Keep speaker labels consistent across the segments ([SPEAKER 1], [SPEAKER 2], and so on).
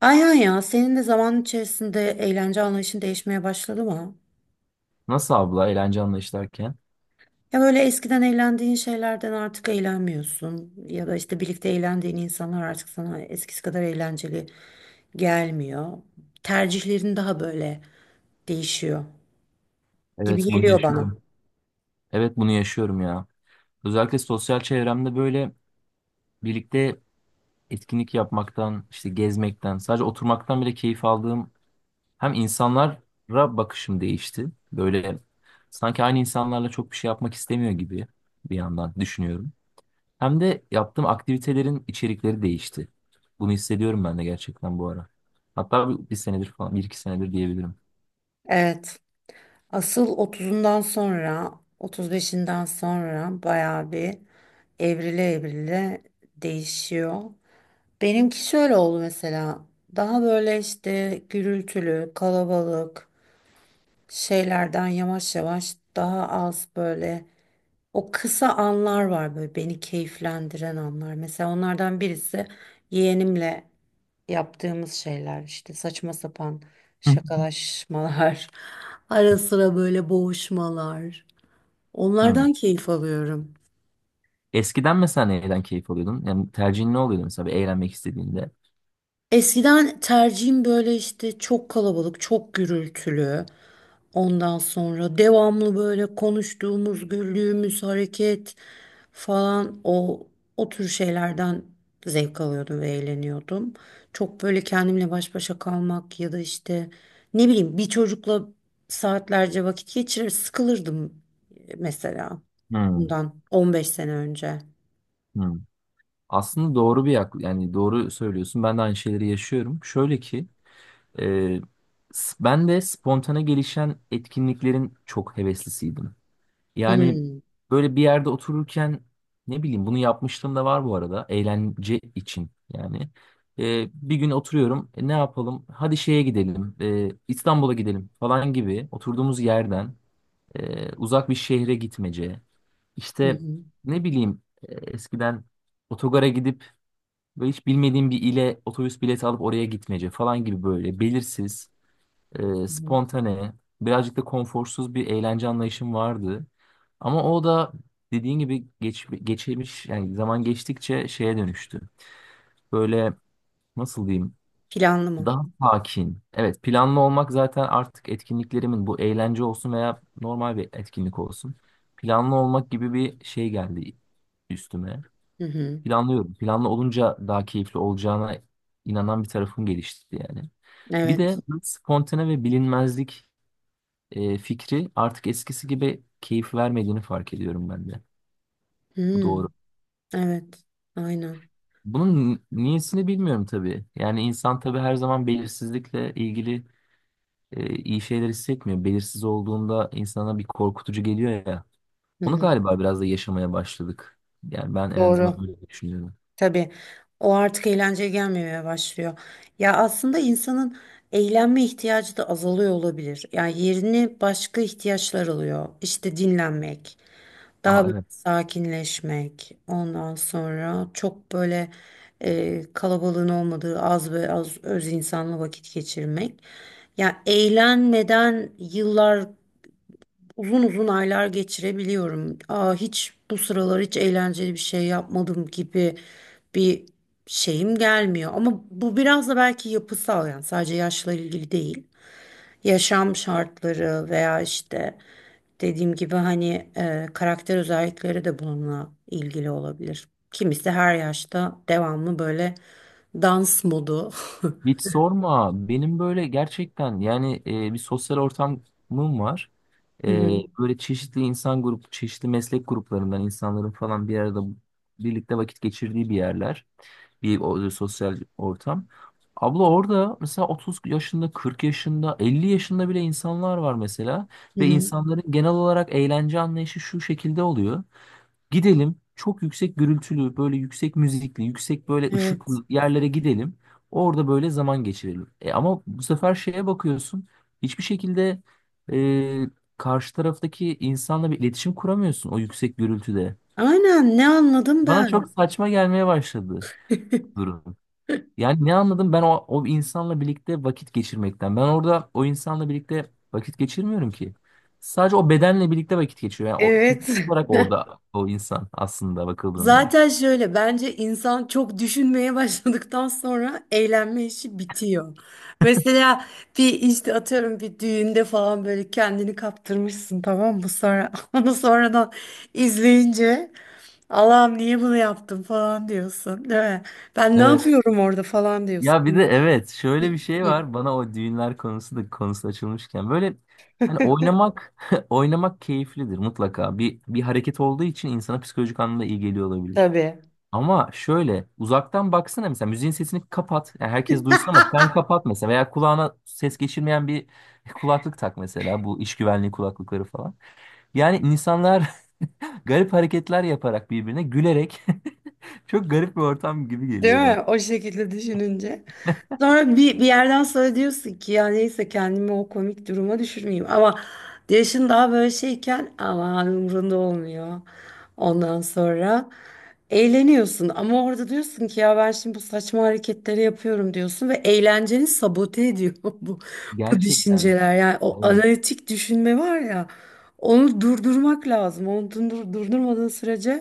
[SPEAKER 1] Aynen ya senin de zaman içerisinde eğlence anlayışın değişmeye başladı mı?
[SPEAKER 2] Nasıl abla eğlence anlayışlarken?
[SPEAKER 1] Ya böyle eskiden eğlendiğin şeylerden artık eğlenmiyorsun ya da işte birlikte eğlendiğin insanlar artık sana eskisi kadar eğlenceli gelmiyor. Tercihlerin daha böyle değişiyor gibi
[SPEAKER 2] Evet, bunu
[SPEAKER 1] geliyor bana.
[SPEAKER 2] yaşıyorum. Evet, bunu yaşıyorum ya. Özellikle sosyal çevremde böyle birlikte etkinlik yapmaktan, işte gezmekten, sadece oturmaktan bile keyif aldığım hem insanlara bakışım değişti. Böyle sanki aynı insanlarla çok bir şey yapmak istemiyor gibi bir yandan düşünüyorum. Hem de yaptığım aktivitelerin içerikleri değişti. Bunu hissediyorum ben de gerçekten bu ara. Hatta bir senedir falan, bir iki senedir diyebilirim.
[SPEAKER 1] Evet. Asıl otuzundan sonra otuz beşinden sonra bayağı bir evrile evrile değişiyor. Benimki şöyle oldu mesela. Daha böyle işte gürültülü, kalabalık şeylerden yavaş yavaş daha az böyle o kısa anlar var böyle beni keyiflendiren anlar. Mesela onlardan birisi yeğenimle yaptığımız şeyler işte saçma sapan
[SPEAKER 2] Hı.
[SPEAKER 1] şakalaşmalar, ara sıra böyle boğuşmalar.
[SPEAKER 2] Hı.
[SPEAKER 1] Onlardan keyif alıyorum.
[SPEAKER 2] Eskiden mesela neyden keyif alıyordun? Yani tercihin ne oluyordu mesela bir eğlenmek istediğinde?
[SPEAKER 1] Eskiden tercihim böyle işte çok kalabalık, çok gürültülü. Ondan sonra devamlı böyle konuştuğumuz, güldüğümüz hareket falan o tür şeylerden zevk alıyordum ve eğleniyordum. Çok böyle kendimle baş başa kalmak ya da işte ne bileyim bir çocukla saatlerce vakit geçirir sıkılırdım mesela
[SPEAKER 2] Hmm.
[SPEAKER 1] bundan 15 sene önce.
[SPEAKER 2] Hmm. Aslında doğru bir yak yani doğru söylüyorsun. Ben de aynı şeyleri yaşıyorum. Şöyle ki e, ben de spontane gelişen etkinliklerin çok heveslisiydim. Yani
[SPEAKER 1] Hmm.
[SPEAKER 2] böyle bir yerde otururken ne bileyim bunu yapmışlığım da var bu arada eğlence için yani. Bir gün oturuyorum: "E, ne yapalım, hadi şeye gidelim, İstanbul'a gidelim" falan gibi oturduğumuz yerden uzak bir şehre gitmece.
[SPEAKER 1] Hı
[SPEAKER 2] İşte
[SPEAKER 1] hı.
[SPEAKER 2] ne bileyim, eskiden otogara gidip böyle hiç bilmediğim bir ile otobüs bileti alıp oraya gitmece falan gibi böyle belirsiz,
[SPEAKER 1] Hı hı.
[SPEAKER 2] spontane, birazcık da konforsuz bir eğlence anlayışım vardı. Ama o da dediğin gibi geçmiş yani zaman geçtikçe şeye dönüştü. Böyle nasıl diyeyim?
[SPEAKER 1] Planlı mı?
[SPEAKER 2] Daha sakin. Evet, planlı olmak zaten artık etkinliklerimin, bu eğlence olsun veya normal bir etkinlik olsun, planlı olmak gibi bir şey geldi üstüme.
[SPEAKER 1] Hı hı.
[SPEAKER 2] Planlıyorum. Planlı olunca daha keyifli olacağına inanan bir tarafım gelişti yani. Bir de
[SPEAKER 1] Evet.
[SPEAKER 2] spontane ve bilinmezlik fikri artık eskisi gibi keyif vermediğini fark ediyorum ben de. Bu
[SPEAKER 1] Hmm,
[SPEAKER 2] doğru.
[SPEAKER 1] evet, aynen.
[SPEAKER 2] Bunun niyesini bilmiyorum tabii. Yani insan tabii her zaman belirsizlikle ilgili iyi şeyler hissetmiyor. Belirsiz olduğunda insana bir korkutucu geliyor ya.
[SPEAKER 1] Hı
[SPEAKER 2] Onu
[SPEAKER 1] hı,
[SPEAKER 2] galiba biraz da yaşamaya başladık. Yani ben en azından
[SPEAKER 1] doğru.
[SPEAKER 2] böyle düşünüyorum.
[SPEAKER 1] Tabii. O artık eğlenceye gelmemeye başlıyor. Ya aslında insanın eğlenme ihtiyacı da azalıyor olabilir. Yani yerini başka ihtiyaçlar alıyor. İşte dinlenmek, daha
[SPEAKER 2] Aa,
[SPEAKER 1] böyle
[SPEAKER 2] evet.
[SPEAKER 1] sakinleşmek. Ondan sonra çok böyle kalabalığın olmadığı az ve az öz insanla vakit geçirmek. Ya eğlenmeden yıllar, uzun uzun aylar geçirebiliyorum. Aa, hiç bu sıralar hiç eğlenceli bir şey yapmadım gibi bir şeyim gelmiyor. Ama bu biraz da belki yapısal, yani sadece yaşla ilgili değil. Yaşam şartları veya işte dediğim gibi hani karakter özellikleri de bununla ilgili olabilir. Kimisi her yaşta devamlı böyle dans modu.
[SPEAKER 2] Hiç sorma. Benim böyle gerçekten yani bir sosyal ortamım var.
[SPEAKER 1] Hı hı.
[SPEAKER 2] Böyle çeşitli meslek gruplarından insanların falan bir arada birlikte vakit geçirdiği bir yerler, bir sosyal ortam. Abla orada mesela 30 yaşında, 40 yaşında, 50 yaşında bile insanlar var mesela
[SPEAKER 1] Hı
[SPEAKER 2] ve
[SPEAKER 1] hı.
[SPEAKER 2] insanların genel olarak eğlence anlayışı şu şekilde oluyor. Gidelim çok yüksek gürültülü, böyle yüksek müzikli, yüksek böyle
[SPEAKER 1] Evet.
[SPEAKER 2] ışıklı yerlere gidelim. Orada böyle zaman geçirelim. E, ama bu sefer şeye bakıyorsun. Hiçbir şekilde karşı taraftaki insanla bir iletişim kuramıyorsun o yüksek gürültüde.
[SPEAKER 1] Aynen, ne anladım
[SPEAKER 2] Bana
[SPEAKER 1] ben?
[SPEAKER 2] çok saçma gelmeye başladı durum. Yani ne anladım ben o insanla birlikte vakit geçirmekten. Ben orada o insanla birlikte vakit geçirmiyorum ki. Sadece o bedenle birlikte vakit geçiyor. Yani o
[SPEAKER 1] Evet.
[SPEAKER 2] fiziksel olarak orada o insan aslında bakıldığında.
[SPEAKER 1] Zaten şöyle, bence insan çok düşünmeye başladıktan sonra eğlenme işi bitiyor. Mesela bir işte atıyorum bir düğünde falan böyle kendini kaptırmışsın, tamam mı? Sonra onu sonradan izleyince Allah'ım niye bunu yaptım falan diyorsun, değil mi? Ben ne
[SPEAKER 2] Evet.
[SPEAKER 1] yapıyorum orada falan diyorsun.
[SPEAKER 2] Ya bir de evet, şöyle bir şey
[SPEAKER 1] Hı,
[SPEAKER 2] var bana, o düğünler konusu açılmışken böyle, hani oynamak oynamak keyiflidir mutlaka, bir hareket olduğu için insana psikolojik anlamda iyi geliyor olabilir.
[SPEAKER 1] tabii.
[SPEAKER 2] Ama şöyle uzaktan baksana, mesela müziğin sesini kapat, yani herkes duysun ama sen kapat mesela, veya kulağına ses geçirmeyen bir kulaklık tak mesela, bu iş güvenliği kulaklıkları falan. Yani insanlar garip hareketler yaparak birbirine gülerek çok garip bir ortam gibi
[SPEAKER 1] Değil
[SPEAKER 2] geliyor bana.
[SPEAKER 1] mi? O şekilde düşününce. Sonra bir yerden sonra diyorsun ki ya neyse, kendimi o komik duruma düşürmeyeyim. Ama yaşın daha böyle şeyken aman, umurunda olmuyor. Ondan sonra eğleniyorsun. Ama orada diyorsun ki ya ben şimdi bu saçma hareketleri yapıyorum diyorsun. Ve eğlenceni sabote ediyor bu
[SPEAKER 2] Gerçekten.
[SPEAKER 1] düşünceler. Yani o
[SPEAKER 2] Evet,
[SPEAKER 1] analitik düşünme var ya, onu durdurmak lazım. Onu durdurmadığın sürece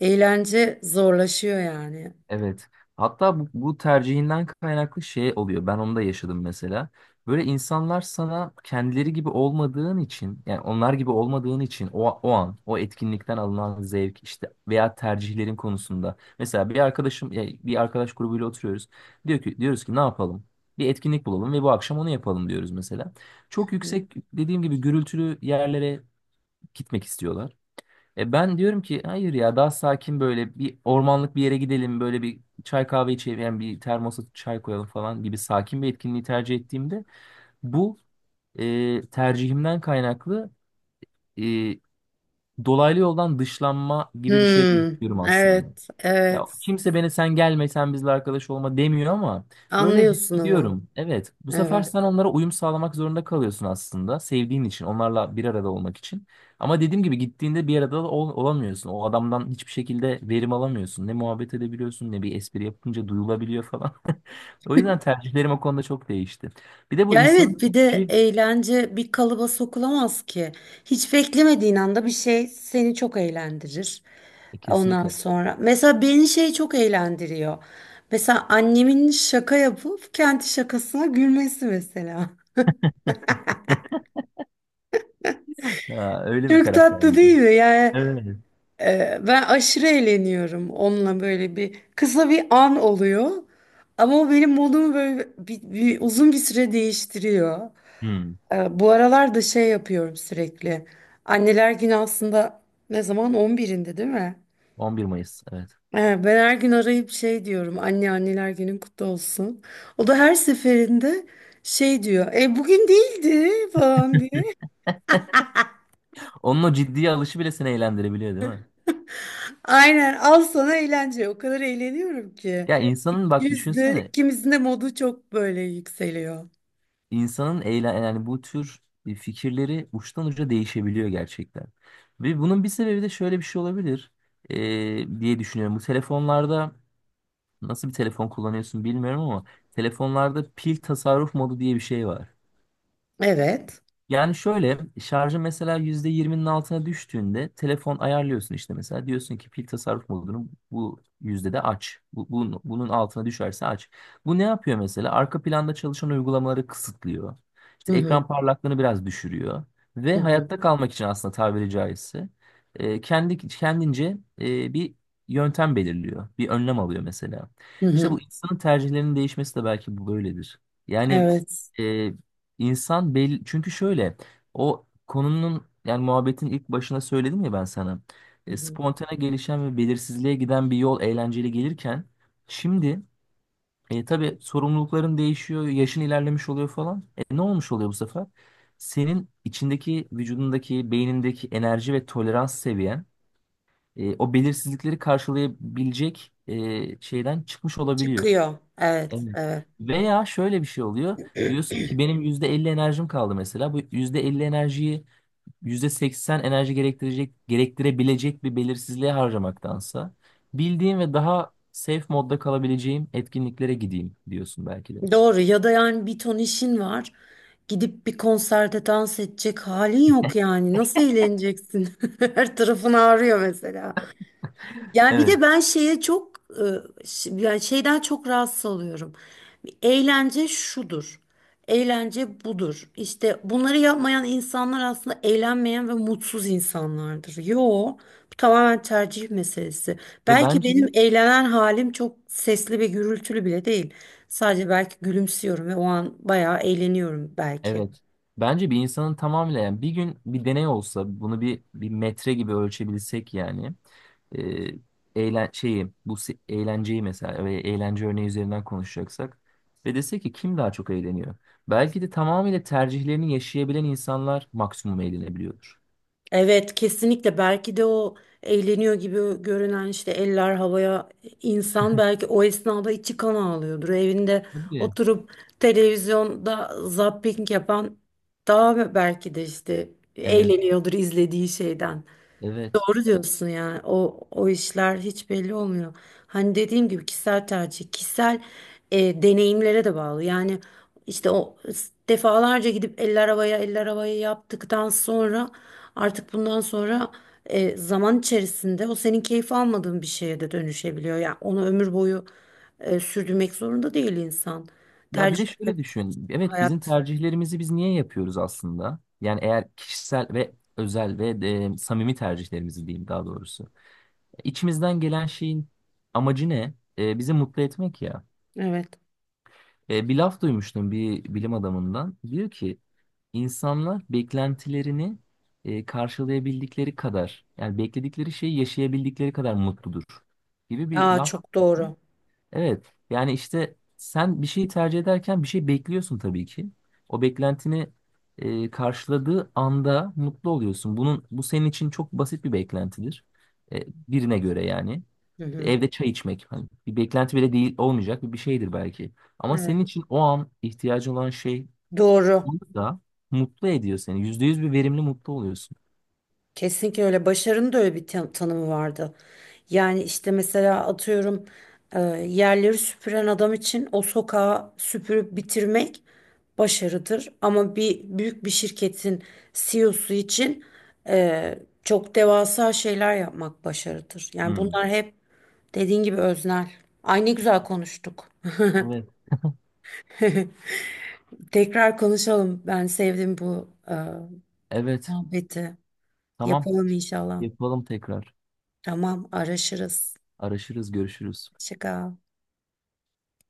[SPEAKER 1] eğlence zorlaşıyor yani.
[SPEAKER 2] evet. Hatta bu tercihinden kaynaklı şey oluyor. Ben onu da yaşadım mesela. Böyle insanlar sana kendileri gibi olmadığın için, yani onlar gibi olmadığın için o an, o etkinlikten alınan zevk işte veya tercihlerin konusunda. Mesela bir arkadaşım, ya bir arkadaş grubuyla oturuyoruz. Diyor ki, diyoruz ki ne yapalım? Bir etkinlik bulalım ve bu akşam onu yapalım diyoruz mesela. Çok yüksek dediğim gibi gürültülü yerlere gitmek istiyorlar. E, ben diyorum ki hayır ya, daha sakin böyle bir ormanlık bir yere gidelim, böyle bir çay kahve içelim yani bir termosa çay koyalım falan gibi sakin bir etkinliği tercih ettiğimde bu tercihimden kaynaklı e, dolaylı yoldan dışlanma gibi bir şey de
[SPEAKER 1] Hmm,
[SPEAKER 2] yaşıyorum aslında.
[SPEAKER 1] evet,
[SPEAKER 2] Ya
[SPEAKER 1] evet.
[SPEAKER 2] kimse beni sen gelme, sen bizle arkadaş olma demiyor ama böyle
[SPEAKER 1] Anlıyorsun ama.
[SPEAKER 2] hissediyorum. Evet, bu sefer
[SPEAKER 1] Evet.
[SPEAKER 2] sen onlara uyum sağlamak zorunda kalıyorsun aslında, sevdiğin için, onlarla bir arada olmak için. Ama dediğim gibi gittiğinde bir arada olamıyorsun. O adamdan hiçbir şekilde verim alamıyorsun. Ne muhabbet edebiliyorsun, ne bir espri yapınca duyulabiliyor falan. O yüzden tercihlerim o konuda çok değişti. Bir de bu
[SPEAKER 1] Ya
[SPEAKER 2] insanın
[SPEAKER 1] evet, bir de
[SPEAKER 2] tercihi.
[SPEAKER 1] eğlence bir kalıba sokulamaz ki. Hiç beklemediğin anda bir şey seni çok eğlendirir.
[SPEAKER 2] E,
[SPEAKER 1] Ondan
[SPEAKER 2] kesinlikle.
[SPEAKER 1] sonra mesela beni şey çok eğlendiriyor. Mesela annemin şaka yapıp kendi şakasına gülmesi mesela.
[SPEAKER 2] Ha, öyle bir
[SPEAKER 1] Çok
[SPEAKER 2] karakter.
[SPEAKER 1] tatlı değil mi? Yani.
[SPEAKER 2] Evet.
[SPEAKER 1] Ben aşırı eğleniyorum onunla, böyle bir kısa bir an oluyor. Ama o benim modumu böyle uzun bir süre değiştiriyor.
[SPEAKER 2] Hmm.
[SPEAKER 1] Bu aralar da şey yapıyorum sürekli. Anneler Günü aslında ne zaman? 11'inde değil mi?
[SPEAKER 2] 11 Mayıs, evet.
[SPEAKER 1] Ben her gün arayıp şey diyorum. Anne, anneler günün kutlu olsun. O da her seferinde şey diyor. E bugün değildi falan diye.
[SPEAKER 2] Onun o ciddiye alışı bile seni eğlendirebiliyor değil mi?
[SPEAKER 1] Aynen, al sana eğlence. O kadar eğleniyorum ki.
[SPEAKER 2] Ya insanın bak
[SPEAKER 1] Yüzde
[SPEAKER 2] düşünsene,
[SPEAKER 1] ikimizin de modu çok böyle yükseliyor.
[SPEAKER 2] insanın eyle yani bu tür fikirleri uçtan uca değişebiliyor gerçekten. Ve bunun bir sebebi de şöyle bir şey olabilir, diye düşünüyorum. Bu telefonlarda, nasıl bir telefon kullanıyorsun bilmiyorum ama telefonlarda pil tasarruf modu diye bir şey var.
[SPEAKER 1] Evet.
[SPEAKER 2] Yani şöyle, şarjı mesela %20'nin altına düştüğünde telefon ayarlıyorsun, işte mesela diyorsun ki pil tasarruf modunu bu yüzdede aç. Bunun altına düşerse aç. Bu ne yapıyor mesela? Arka planda çalışan uygulamaları kısıtlıyor.
[SPEAKER 1] Hı
[SPEAKER 2] İşte
[SPEAKER 1] hı.
[SPEAKER 2] ekran parlaklığını biraz düşürüyor ve
[SPEAKER 1] Hı hı.
[SPEAKER 2] hayatta kalmak için aslında tabiri caizse kendi kendince bir yöntem belirliyor. Bir önlem alıyor mesela.
[SPEAKER 1] Hı
[SPEAKER 2] İşte
[SPEAKER 1] hı.
[SPEAKER 2] bu insanın tercihlerinin değişmesi de belki bu böyledir. Yani
[SPEAKER 1] Evet.
[SPEAKER 2] e, İnsan belli çünkü şöyle, o konunun yani muhabbetin ilk başına söyledim ya ben sana.
[SPEAKER 1] Hı
[SPEAKER 2] E,
[SPEAKER 1] hı.
[SPEAKER 2] spontane gelişen ve belirsizliğe giden bir yol eğlenceli gelirken şimdi tabii sorumlulukların değişiyor, yaşın ilerlemiş oluyor falan. E, ne olmuş oluyor bu sefer? Senin içindeki, vücudundaki, beynindeki enerji ve tolerans seviyen o belirsizlikleri karşılayabilecek şeyden çıkmış olabiliyor.
[SPEAKER 1] Çıkıyor. Evet,
[SPEAKER 2] Evet.
[SPEAKER 1] evet.
[SPEAKER 2] Veya şöyle bir şey oluyor. Diyorsun ki benim %50 enerjim kaldı mesela. Bu %50 enerjiyi %80 enerji gerektirecek, gerektirebilecek bir belirsizliğe harcamaktansa bildiğim ve daha safe modda kalabileceğim etkinliklere gideyim diyorsun belki de.
[SPEAKER 1] Doğru, ya da yani bir ton işin var. Gidip bir konserde dans edecek halin yok yani. Nasıl eğleneceksin? Her tarafın ağrıyor mesela. Ya bir
[SPEAKER 2] Evet.
[SPEAKER 1] de ben şeye çok yani şeyden çok rahatsız oluyorum. Eğlence şudur. Eğlence budur. İşte bunları yapmayan insanlar aslında eğlenmeyen ve mutsuz insanlardır. Yo, bu tamamen tercih meselesi.
[SPEAKER 2] Ve
[SPEAKER 1] Belki benim
[SPEAKER 2] bence.
[SPEAKER 1] eğlenen halim çok sesli ve gürültülü bile değil. Sadece belki gülümsüyorum ve o an bayağı eğleniyorum belki.
[SPEAKER 2] Evet. Bence bir insanın tamamıyla, yani bir gün bir deney olsa bunu bir metre gibi ölçebilsek yani e, eğlenceyi mesela ve eğlence örneği üzerinden konuşacaksak ve desek ki kim daha çok eğleniyor? Belki de tamamıyla tercihlerini yaşayabilen insanlar maksimum eğlenebiliyordur.
[SPEAKER 1] Evet, kesinlikle. Belki de o eğleniyor gibi görünen, işte eller havaya, insan belki o esnada içi kan ağlıyordur. Evinde
[SPEAKER 2] Tabii.
[SPEAKER 1] oturup televizyonda zapping yapan daha belki de işte
[SPEAKER 2] Evet,
[SPEAKER 1] eğleniyordur izlediği şeyden.
[SPEAKER 2] evet.
[SPEAKER 1] Doğru diyorsun, yani o işler hiç belli olmuyor. Hani dediğim gibi kişisel tercih, kişisel deneyimlere de bağlı. Yani işte defalarca gidip eller havaya eller havaya yaptıktan sonra, artık bundan sonra zaman içerisinde o senin keyif almadığın bir şeye de dönüşebiliyor. Yani onu ömür boyu sürdürmek zorunda değil insan.
[SPEAKER 2] Ya bir
[SPEAKER 1] Tercih
[SPEAKER 2] de şöyle düşün. Evet, bizim
[SPEAKER 1] hayat.
[SPEAKER 2] tercihlerimizi biz niye yapıyoruz aslında? Yani eğer kişisel ve özel ve samimi tercihlerimizi diyeyim daha doğrusu. İçimizden gelen şeyin amacı ne? E, bizi mutlu etmek ya.
[SPEAKER 1] Evet.
[SPEAKER 2] E, bir laf duymuştum bir bilim adamından. Diyor ki insanlar beklentilerini karşılayabildikleri kadar yani bekledikleri şeyi yaşayabildikleri kadar mutludur gibi bir
[SPEAKER 1] Aa,
[SPEAKER 2] laf.
[SPEAKER 1] çok doğru.
[SPEAKER 2] Evet. Yani işte sen bir şeyi tercih ederken bir şey bekliyorsun tabii ki. O beklentini karşıladığı anda mutlu oluyorsun. Bunun, bu senin için çok basit bir beklentidir. E, birine göre yani.
[SPEAKER 1] Hı hı.
[SPEAKER 2] Evde çay içmek hani bir beklenti bile değil, olmayacak bir şeydir belki. Ama
[SPEAKER 1] Evet.
[SPEAKER 2] senin için o an ihtiyacı olan şey
[SPEAKER 1] Doğru.
[SPEAKER 2] da mutlu ediyor seni. %100 bir verimli mutlu oluyorsun.
[SPEAKER 1] Kesinlikle öyle. Başarının da öyle bir tanımı vardı. Yani işte mesela atıyorum, e, yerleri süpüren adam için o sokağı süpürüp bitirmek başarıdır. Ama bir büyük bir şirketin CEO'su için e, çok devasa şeyler yapmak başarıdır. Yani
[SPEAKER 2] Hmm.
[SPEAKER 1] bunlar hep dediğin gibi öznel. Ay, ne güzel konuştuk.
[SPEAKER 2] Evet.
[SPEAKER 1] Tekrar konuşalım. Ben sevdim bu
[SPEAKER 2] Evet.
[SPEAKER 1] muhabbeti.
[SPEAKER 2] Tamam.
[SPEAKER 1] Yapalım inşallah.
[SPEAKER 2] Yapalım tekrar.
[SPEAKER 1] Tamam, araşırız.
[SPEAKER 2] Araşırız, görüşürüz.
[SPEAKER 1] Şikar.